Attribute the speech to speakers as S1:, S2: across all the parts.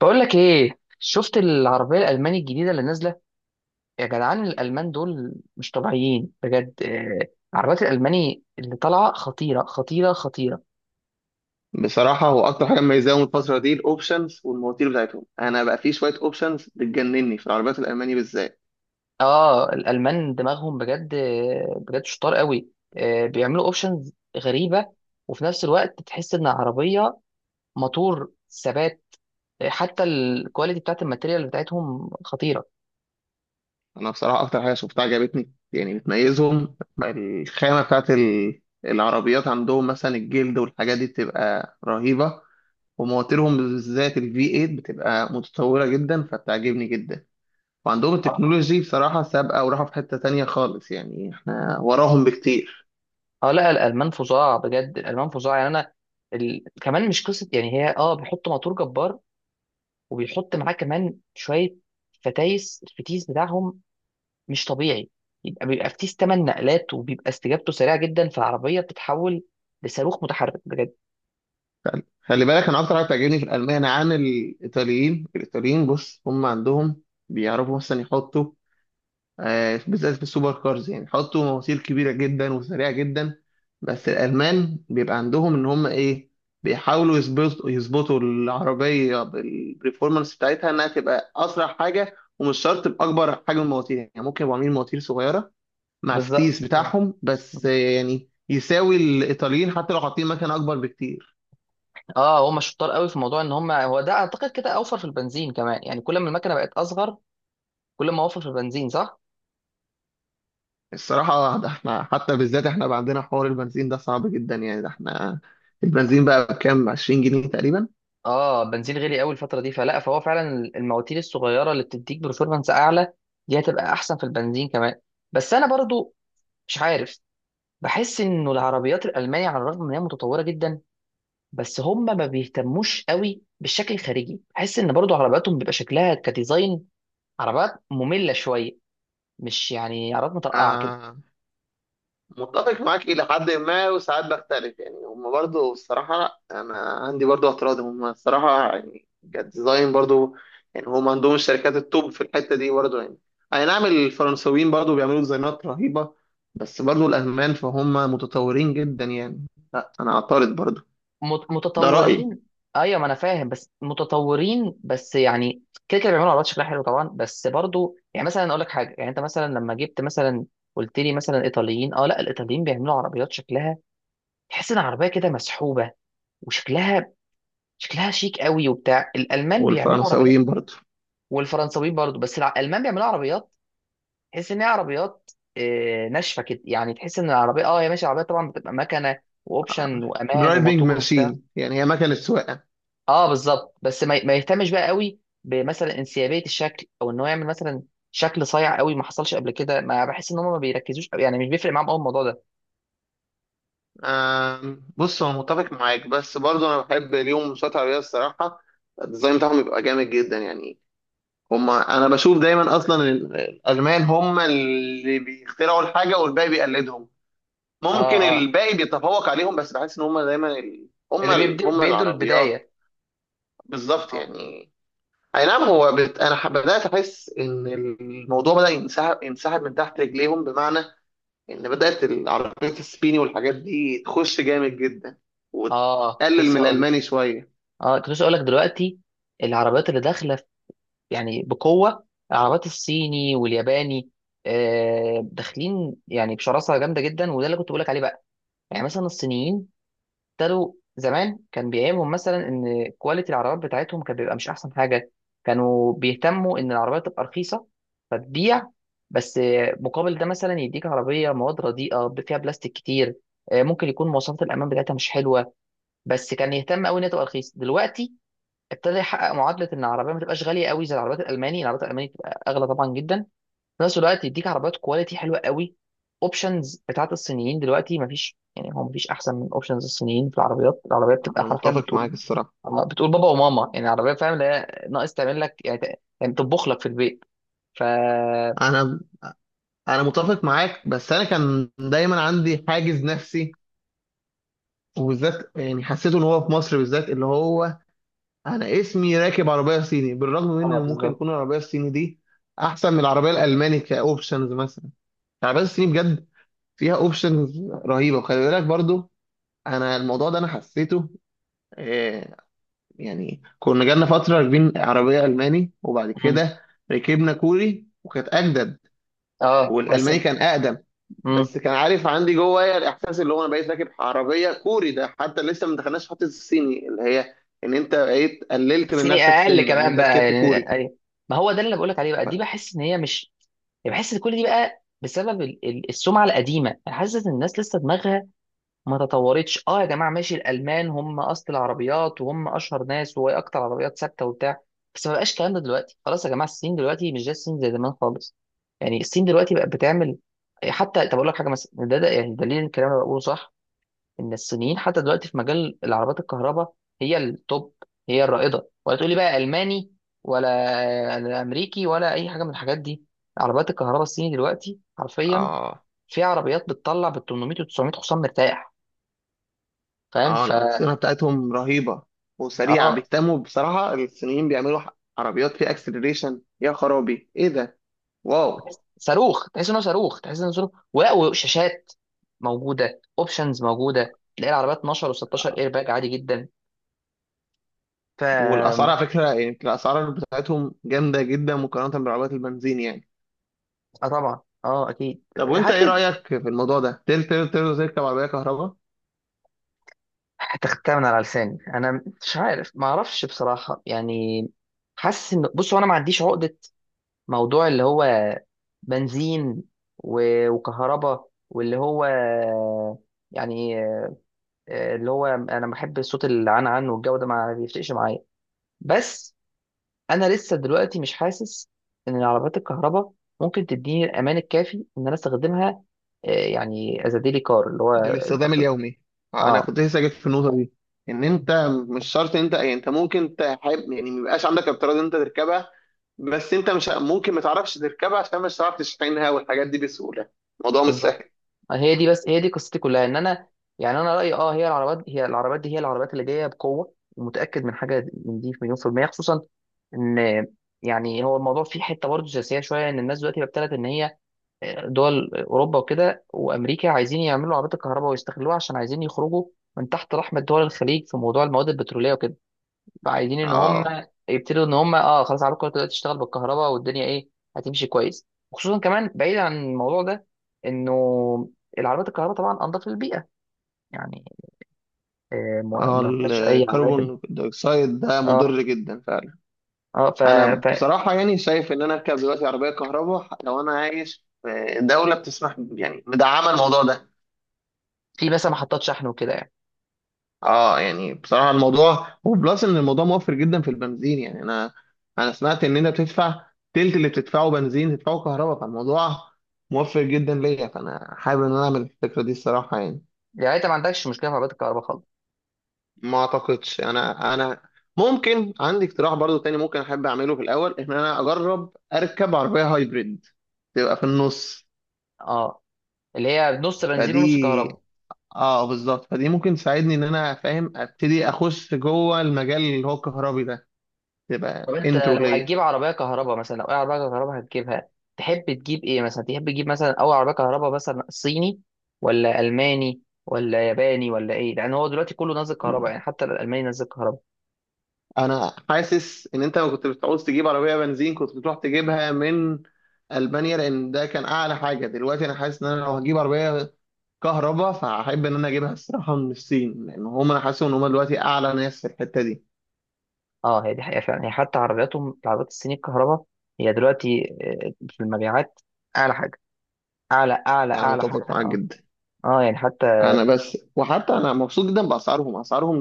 S1: بقول لك ايه، شفت العربيه الالماني الجديده اللي نازله. يا جدعان، الالمان دول مش طبيعيين بجد. عربيات الالماني اللي طالعه خطيره خطيره خطيره.
S2: بصراحة هو أكتر حاجة مميزاهم الفترة دي الأوبشنز والمواتير بتاعتهم، أنا بقى في شوية أوبشنز بتجنني في العربيات الألماني بالذات.
S1: اه الالمان دماغهم بجد. بجد شطار قوي. بيعملوا اوبشنز غريبه. وفي نفس الوقت تحس ان العربيه موتور ثبات. حتى الكواليتي بتاعت الماتيريال بتاعتهم خطيره.
S2: أنا بصراحة أكتر حاجة شفتها عجبتني يعني بتميزهم، الخامة بتاعت العربيات عندهم، مثلا الجلد والحاجات دي بتبقى رهيبة. ومواتيرهم بالذات ال V8 بتبقى متطورة جدا، فبتعجبني جدا. وعندهم
S1: اه.
S2: التكنولوجي بصراحة سابقة وراحة في حتة تانية خالص، يعني إحنا وراهم بكتير.
S1: لا، الالمان فظاع بجد، الالمان فظاع. يعني انا كمان مش قصه، يعني هي بيحطوا موتور جبار. وبيحط معاه كمان شويه الفتيس بتاعهم مش طبيعي. يبقى فتيس 8 نقلات، وبيبقى استجابته سريعه جدا، فالعربيه بتتحول لصاروخ متحرك بجد.
S2: خلي بالك انا اكتر حاجه بتعجبني في الالمان عن الايطاليين، الايطاليين بص هم عندهم بيعرفوا مثلا يحطوا بالذات في السوبر كارز، يعني يحطوا مواسير كبيره جدا وسريعه جدا. بس الالمان بيبقى عندهم ان هم ايه، بيحاولوا يظبطوا العربيه بالبرفورمانس بتاعتها انها تبقى اسرع حاجه، ومش شرط باكبر حجم المواتير، يعني ممكن يبقوا عاملين مواتير صغيره مع الفتيس
S1: بالظبط. اه
S2: بتاعهم بس. يعني يساوي الايطاليين حتى لو حاطين مكنه اكبر بكتير.
S1: اه هم شطار قوي في موضوع ان هم، هو ده اعتقد كده اوفر في البنزين كمان، يعني كل ما المكنه بقت اصغر كل ما اوفر في البنزين، صح.
S2: الصراحة ده احنا حتى بالذات احنا بقى عندنا حوار البنزين ده صعب جدا، يعني ده احنا البنزين بقى بكام؟ 20 جنيه تقريبا.
S1: اه، بنزين غالي قوي الفتره دي، فلا فهو فعلا المواتير الصغيره اللي بتديك برفورمانس اعلى دي هتبقى احسن في البنزين كمان. بس انا برضو مش عارف، بحس انه العربيات الالمانية على الرغم ان هي متطورة جدا، بس هم ما بيهتموش قوي بالشكل الخارجي. بحس ان برضو عربياتهم بيبقى شكلها كديزاين عربيات مملة شوية، مش يعني عربيات مترقعة كده.
S2: آه متفق معاك إلى حد ما وساعات بختلف يعني. هم برضو الصراحة أنا عندي برضو اعتراض، هم الصراحة يعني كديزاين برضو، يعني هم عندهم الشركات التوب في الحتة دي برضو يعني. أي نعم، الفرنسويين برضو بيعملوا ديزاينات رهيبة، بس برضو الألمان فهم متطورين جدا يعني. لا، أنا أعترض برضو، ده رأيي.
S1: متطورين. ايوه ما انا فاهم، بس متطورين بس، يعني كده كده بيعملوا عربيات شكلها حلو طبعا، بس برضو يعني مثلا اقول لك حاجة، يعني انت مثلا لما جبت مثلا قلت لي مثلا ايطاليين، اه لا، الايطاليين بيعملوا عربيات شكلها تحس ان العربية كده مسحوبة، وشكلها شكلها شيك قوي وبتاع. الالمان بيعملوا عربيات
S2: والفرنسويين برضو.
S1: والفرنساويين برضو، بس الالمان بيعملوا عربيات تحس ان هي عربيات ناشفه كده. يعني تحس ان العربيه هي ماشي، العربيه طبعا بتبقى مكنه واوبشن وامان
S2: درايفنج
S1: وموتور وبتاع.
S2: ماشين، يعني هي مكنة سواقة.
S1: اه بالظبط، بس ما يهتمش بقى قوي بمثلا انسيابيه الشكل، او ان هو يعمل مثلا شكل صايع قوي ما حصلش قبل كده. ما بحس ان هم ما بيركزوش قوي، يعني مش بيفرق معاهم قوي الموضوع ده.
S2: بص أنا متفق معاك، بس برضه أنا بحب اليوم مسابقات العربية الصراحة. الديزاين بتاعهم بيبقى جامد جدا يعني. هما أنا بشوف دايما أصلا الألمان هما اللي بيخترعوا الحاجة والباقي بيقلدهم.
S1: اه.
S2: ممكن الباقي بيتفوق عليهم، بس بحس إن هما دايما ال...
S1: اللي
S2: هما ال...
S1: بيبدوا
S2: هما
S1: بيدوا
S2: العربيات.
S1: البدايه.
S2: بالظبط يعني. أي نعم هو أنا بدأت أحس إن الموضوع بدأ ينسحب من تحت رجليهم، بمعنى ان بدات العربيات الصيني والحاجات دي تخش جامد جدا
S1: اه كنت
S2: وتقلل من
S1: لسه هقول
S2: الالماني شويه.
S1: اه كنت لسه هقول لك دلوقتي العربيات اللي داخله يعني بقوة، العربيات الصيني والياباني داخلين يعني بشراسة جامدة جدا، وده اللي كنت بقولك عليه بقى. يعني مثلا الصينيين ابتدوا زمان كان بيعيبهم مثلا ان كواليتي العربيات بتاعتهم كان بيبقى مش احسن حاجة. كانوا بيهتموا ان العربية تبقى رخيصة فتبيع، بس مقابل ده مثلا يديك عربية مواد رديئة فيها بلاستيك كتير. ممكن يكون مواصفات الأمان بتاعتها مش حلوة. بس كان يهتم قوي إن هي تبقى رخيصة. دلوقتي ابتدى يحقق معادله ان العربيه ما تبقاش غاليه قوي زي العربيات الالماني. العربيات الالماني تبقى اغلى طبعا جدا، في نفس الوقت يديك عربيات كواليتي حلوه قوي. اوبشنز بتاعت الصينيين دلوقتي ما فيش، يعني هو ما فيش احسن من اوبشنز الصينيين في العربيات. العربيات بتبقى
S2: انا
S1: حرفيا
S2: متفق
S1: بتقول
S2: معاك الصراحه.
S1: بتقول بابا وماما، يعني العربيه فاهم اللي هي ناقص تعمل لك، يعني يعني تطبخ لك في البيت. ف اه
S2: انا انا متفق معاك، بس انا كان دايما عندي حاجز نفسي، وبالذات يعني حسيته ان هو في مصر بالذات اللي هو انا اسمي راكب عربيه صيني، بالرغم من ان ممكن
S1: بالظبط.
S2: يكون العربيه الصيني دي احسن من العربيه الالماني كاوبشنز مثلا. العربيه الصيني بجد فيها اوبشنز رهيبه. وخلي بالك برضو انا الموضوع ده انا حسيته. آه، يعني كنا جالنا فترة راكبين عربية ألماني، وبعد
S1: مم.
S2: كده ركبنا كوري وكانت أجدد،
S1: اه بس.
S2: والألماني كان أقدم.
S1: مم.
S2: بس كان عارف عندي جوايا الإحساس اللي هو أنا بقيت راكب عربية كوري، ده حتى لسه ما دخلناش في حتة الصيني اللي هي إن أنت بقيت قللت من
S1: الصيني
S2: نفسك
S1: اقل
S2: سن إن
S1: كمان
S2: أنت
S1: بقى،
S2: ركبت
S1: يعني
S2: كوري.
S1: يعني- ما هو ده اللي بقولك عليه بقى. دي بحس ان هي مش، يعني بحس ان كل دي بقى بسبب السمعه القديمه. انا حاسس ان الناس لسه دماغها ما تطورتش. اه يا جماعه، ماشي الالمان هم اصل العربيات وهم اشهر ناس وهي اكتر عربيات ثابته وبتاع، بس ما بقاش الكلام ده دلوقتي. خلاص يا جماعه، الصين دلوقتي مش زي الصين زي زمان خالص. يعني الصين دلوقتي بقت بتعمل، حتى طب اقول لك حاجه مثلا، ده يعني دليل الكلام اللي أنا بقوله صح. ان الصينيين حتى دلوقتي في مجال العربيات الكهرباء هي التوب، هي الرائده، ولا تقولي بقى الماني ولا امريكي ولا اي حاجه من الحاجات دي. عربيات الكهرباء الصيني دلوقتي حرفيا
S2: آه.
S1: في عربيات بتطلع بال 800 و 900 حصان مرتاح. فاهم؟
S2: آه،
S1: ف
S2: الأحصنة بتاعتهم رهيبة وسريعة،
S1: اه
S2: بيهتموا بصراحة الصينيين، بيعملوا عربيات فيها أكسلريشن. يا خرابي إيه ده! واو!
S1: صاروخ، تحس انه صاروخ تحس انه صاروخ، ولا وشاشات موجوده، اوبشنز موجوده، تلاقي العربيات 12 و16 اير باج عادي جدا. ف
S2: والاسعار
S1: اه
S2: على فكره يعني الاسعار بتاعتهم جامده جدا مقارنه بعربيات البنزين يعني.
S1: طبعا اه اكيد.
S2: طب وانت ايه
S1: هل
S2: رايك في الموضوع ده؟ تقدر تركب عربيه كهرباء
S1: هتختها من على لساني؟ انا مش عارف، ما اعرفش بصراحه. يعني حاسس ان، بص هو انا ما عنديش عقده موضوع اللي هو بنزين وكهرباء واللي هو يعني اللي هو انا بحب صوت العن عن والجو ده ما بيفرقش معايا. بس انا لسه دلوقتي مش حاسس ان العربيات الكهرباء ممكن تديني الامان الكافي ان انا استخدمها. يعني از ديلي كار، اللي هو
S2: للاستخدام
S1: البطل.
S2: اليومي؟ انا
S1: اه
S2: كنت لسه جيت في النقطه دي، ان انت مش شرط انت، يعني انت ممكن تحب يعني ما يبقاش عندك اضطرار ان انت تركبها، بس انت مش ممكن ما تعرفش تركبها عشان مش هتعرف تشحنها والحاجات دي بسهوله، الموضوع مش سهل.
S1: بالظبط. هي دي بس هي دي قصتي كلها، ان انا يعني انا رايي اه هي العربات، هي العربات دي، هي العربات اللي جايه بقوه، ومتاكد من حاجه من دي في مليون في الميه. خصوصا ان يعني، هو الموضوع فيه حته برضه سياسيه شويه، ان الناس دلوقتي ابتدت ان هي دول اوروبا وكده وامريكا عايزين يعملوا عربيات الكهرباء ويستغلوها، عشان عايزين يخرجوا من تحت رحمه دول الخليج في موضوع المواد البتروليه وكده. فعايزين ان هم
S2: اه.
S1: يبتدوا ان هم اه خلاص عربكم دلوقتي تشتغل بالكهرباء، والدنيا ايه هتمشي كويس. وخصوصا كمان بعيد عن الموضوع ده، انه العربيات الكهرباء طبعا انضف للبيئه، يعني ما
S2: اه
S1: ما فيهاش اي عوادم.
S2: الكربون دايوكسيد ده
S1: اه
S2: مضر جدا فعلا.
S1: اه ف...
S2: انا بصراحه يعني شايف ان انا اركب دلوقتي عربيه كهرباء لو انا عايش في دوله بتسمح يعني، مدعمه الموضوع ده.
S1: ففي مثلا محطات شحن وكده يعني.
S2: اه يعني بصراحه الموضوع وبلس ان الموضوع موفر جدا في البنزين، يعني انا سمعت ان انت بتدفع تلت اللي بتدفعه بنزين تدفعه كهرباء، فالموضوع موفر جدا ليا، فانا حابب ان انا اعمل الفكره دي الصراحه يعني.
S1: يعني انت ما عندكش مشكله في عربيات الكهرباء خالص؟
S2: ما اعتقدش. انا ممكن عندي اقتراح برضو تاني، ممكن احب اعمله في الاول، ان انا اجرب اركب عربيه هايبريد تبقى في النص.
S1: اه اللي هي نص بنزين
S2: فدي
S1: ونص كهرباء.
S2: اه بالظبط، فدي ممكن تساعدني ان انا فاهم ابتدي اخش جوه المجال اللي هو الكهربي ده،
S1: طب
S2: تبقى
S1: انت
S2: انترو
S1: لو
S2: ليا.
S1: هتجيب عربيه كهرباء مثلا، لو اي عربيه كهرباء هتجيبها، تحب تجيب ايه؟ مثلا تحب تجيب مثلا اول عربيه كهرباء مثلا صيني ولا الماني ولا ياباني ولا ايه؟ لان هو دلوقتي كله نازل
S2: مم.
S1: كهرباء، يعني حتى الالماني نازل كهرباء.
S2: انا حاسس ان انت لو كنت بتعوز تجيب عربيه بنزين كنت بتروح تجيبها من المانيا، لان ده كان اعلى حاجه. دلوقتي انا حاسس ان انا لو هجيب عربيه كهرباء فهحب ان انا اجيبها الصراحه من الصين، لان هم انا حاسس ان هم دلوقتي اعلى ناس في الحته دي.
S1: اه هي دي حقيقه فعلا. هي حتى عربياتهم، العربيات الصيني الكهرباء هي دلوقتي في المبيعات اعلى حاجه. اعلى اعلى
S2: انا
S1: اعلى حاجه.
S2: متفق معاك
S1: اه
S2: جدا.
S1: اه يعني حتى
S2: انا بس وحتى انا مبسوط جدا باسعارهم، اسعارهم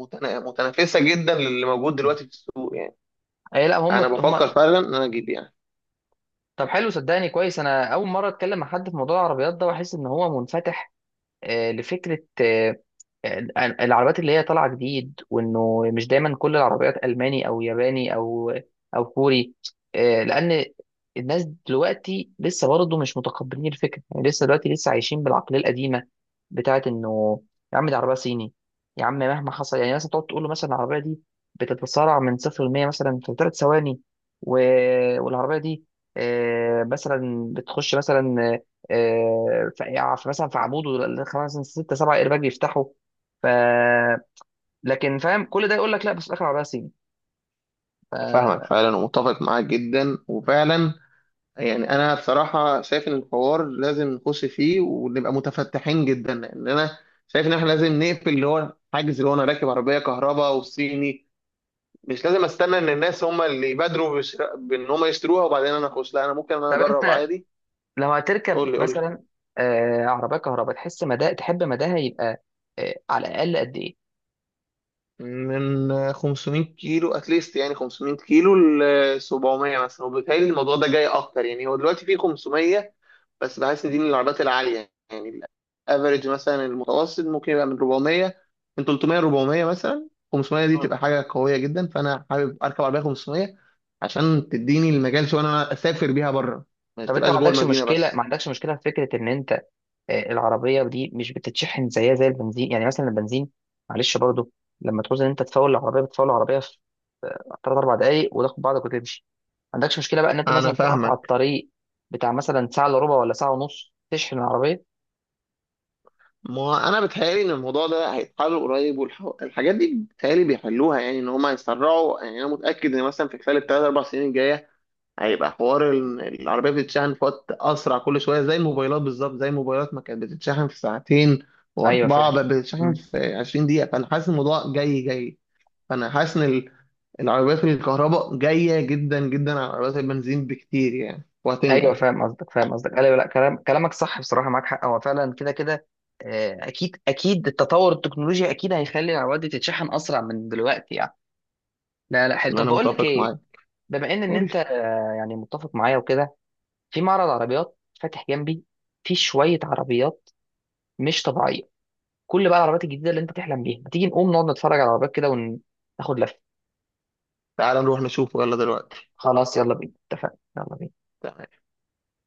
S2: متنافسه جدا للي موجود دلوقتي في السوق يعني.
S1: اي لا، هم
S2: انا
S1: هم.
S2: بفكر فعلا ان انا اجيب يعني.
S1: طب حلو، صدقني كويس انا اول مره اتكلم مع حد في موضوع العربيات ده واحس ان هو منفتح لفكره آه، العربيات اللي هي طالعه جديد، وانه مش دايما كل العربيات الماني او ياباني او او كوري لان الناس دلوقتي لسه برضه مش متقبلين الفكره، يعني لسه دلوقتي لسه عايشين بالعقليه القديمه بتاعت انه يا عم دي عربيه صيني، يا عم مهما حصل. يعني مثلا تقعد تقول له مثلا العربيه دي بتتسارع من صفر ل 100 مثلا في 3 ثواني، و... والعربيه دي مثلا بتخش مثلا في مثلا في عموده 5 6 7 ايرباج يفتحوا، ف لكن فاهم كل ده يقول لك لا، بس في الاخر عربيه صيني. ف...
S2: انا فاهمك فعلا ومتفق معاك جدا وفعلا. يعني انا بصراحه شايف ان الحوار لازم نخش فيه ونبقى متفتحين جدا، لان انا شايف ان احنا لازم نقفل اللي هو حاجز اللي هو انا راكب عربيه كهرباء وصيني. مش لازم استنى ان الناس هم اللي يبادروا بان هم يشتروها وبعدين انا اخش، لا انا ممكن انا
S1: طب
S2: اجرب
S1: انت
S2: عادي.
S1: لو هتركب
S2: قول لي قول لي.
S1: مثلا عربيه كهرباء، تحس مدى تحب مداها يبقى على الاقل قد ايه؟
S2: من 500 كيلو اتليست، يعني 500 كيلو ل 700 مثلا، وبالتالي الموضوع ده جاي اكتر. يعني هو دلوقتي في 500 بس، بحس دي من العربيات العالية يعني. الافريج مثلا المتوسط ممكن يبقى من 400، من 300 400 مثلا، 500 دي
S1: مم.
S2: تبقى حاجة قوية جدا، فأنا حابب أركب عربية 500 عشان تديني المجال شوية إن أنا أسافر بيها بره، ما
S1: طب انت
S2: تبقاش
S1: ما
S2: جوه
S1: عندكش
S2: المدينة
S1: مشكله، ما
S2: بس.
S1: عندكش مشكله في فكره ان انت العربيه دي مش بتتشحن زيها زي البنزين، يعني مثلا البنزين، معلش برضه، لما تعوز ان انت تفول العربيه بتفول العربيه 3 4 دقايق وتاخد بعضك وتمشي. ما عندكش مشكله بقى ان انت
S2: أنا
S1: مثلا تقف على
S2: فاهمك.
S1: الطريق بتاع مثلا ساعه الا ربع ولا ساعه ونص تشحن العربيه؟
S2: ما أنا بتهيألي إن الموضوع ده هيتحل قريب والحاجات دي بتهيألي بيحلوها، يعني إن هما يسرعوا. يعني أنا متأكد إن مثلا في خلال التلات أربع سنين الجاية هيبقى حوار العربية بتتشحن في وقت أسرع كل شوية، زي الموبايلات بالظبط، زي الموبايلات ما كانت بتتشحن في ساعتين
S1: ايوه
S2: وأربعة
S1: فاهم.
S2: بقت بتتشحن
S1: مم.
S2: في 20 دقيقة، فأنا حاسس الموضوع جاي جاي. فأنا حاسس إن العربيات الكهرباء جاية جدا جدا على عربيات البنزين بكتير يعني،
S1: ايوه
S2: وهتنجح.
S1: فاهم قصدك فاهم قصدك ايوه. لا كلام كلامك صح بصراحه، معاك حق، هو فعلا كده كده اكيد اكيد. التطور التكنولوجي اكيد هيخلي العربيات دي تتشحن اسرع من دلوقتي يعني. لا لا حلو، طب
S2: أنا
S1: بقول لك
S2: متفق
S1: ايه،
S2: معاك.
S1: بما ان
S2: قول
S1: انت
S2: لي.
S1: يعني متفق معايا وكده، في معرض عربيات فاتح جنبي، في شويه عربيات مش طبيعيه، كل بقى العربيات الجديده اللي انت تحلم بيها، ما تيجي نقوم نقعد نتفرج على العربيات كده وناخد لفه؟
S2: تعال نروح نشوفه يلا دلوقتي.
S1: خلاص يلا بينا اتفقنا، يلا بينا.
S2: تمام.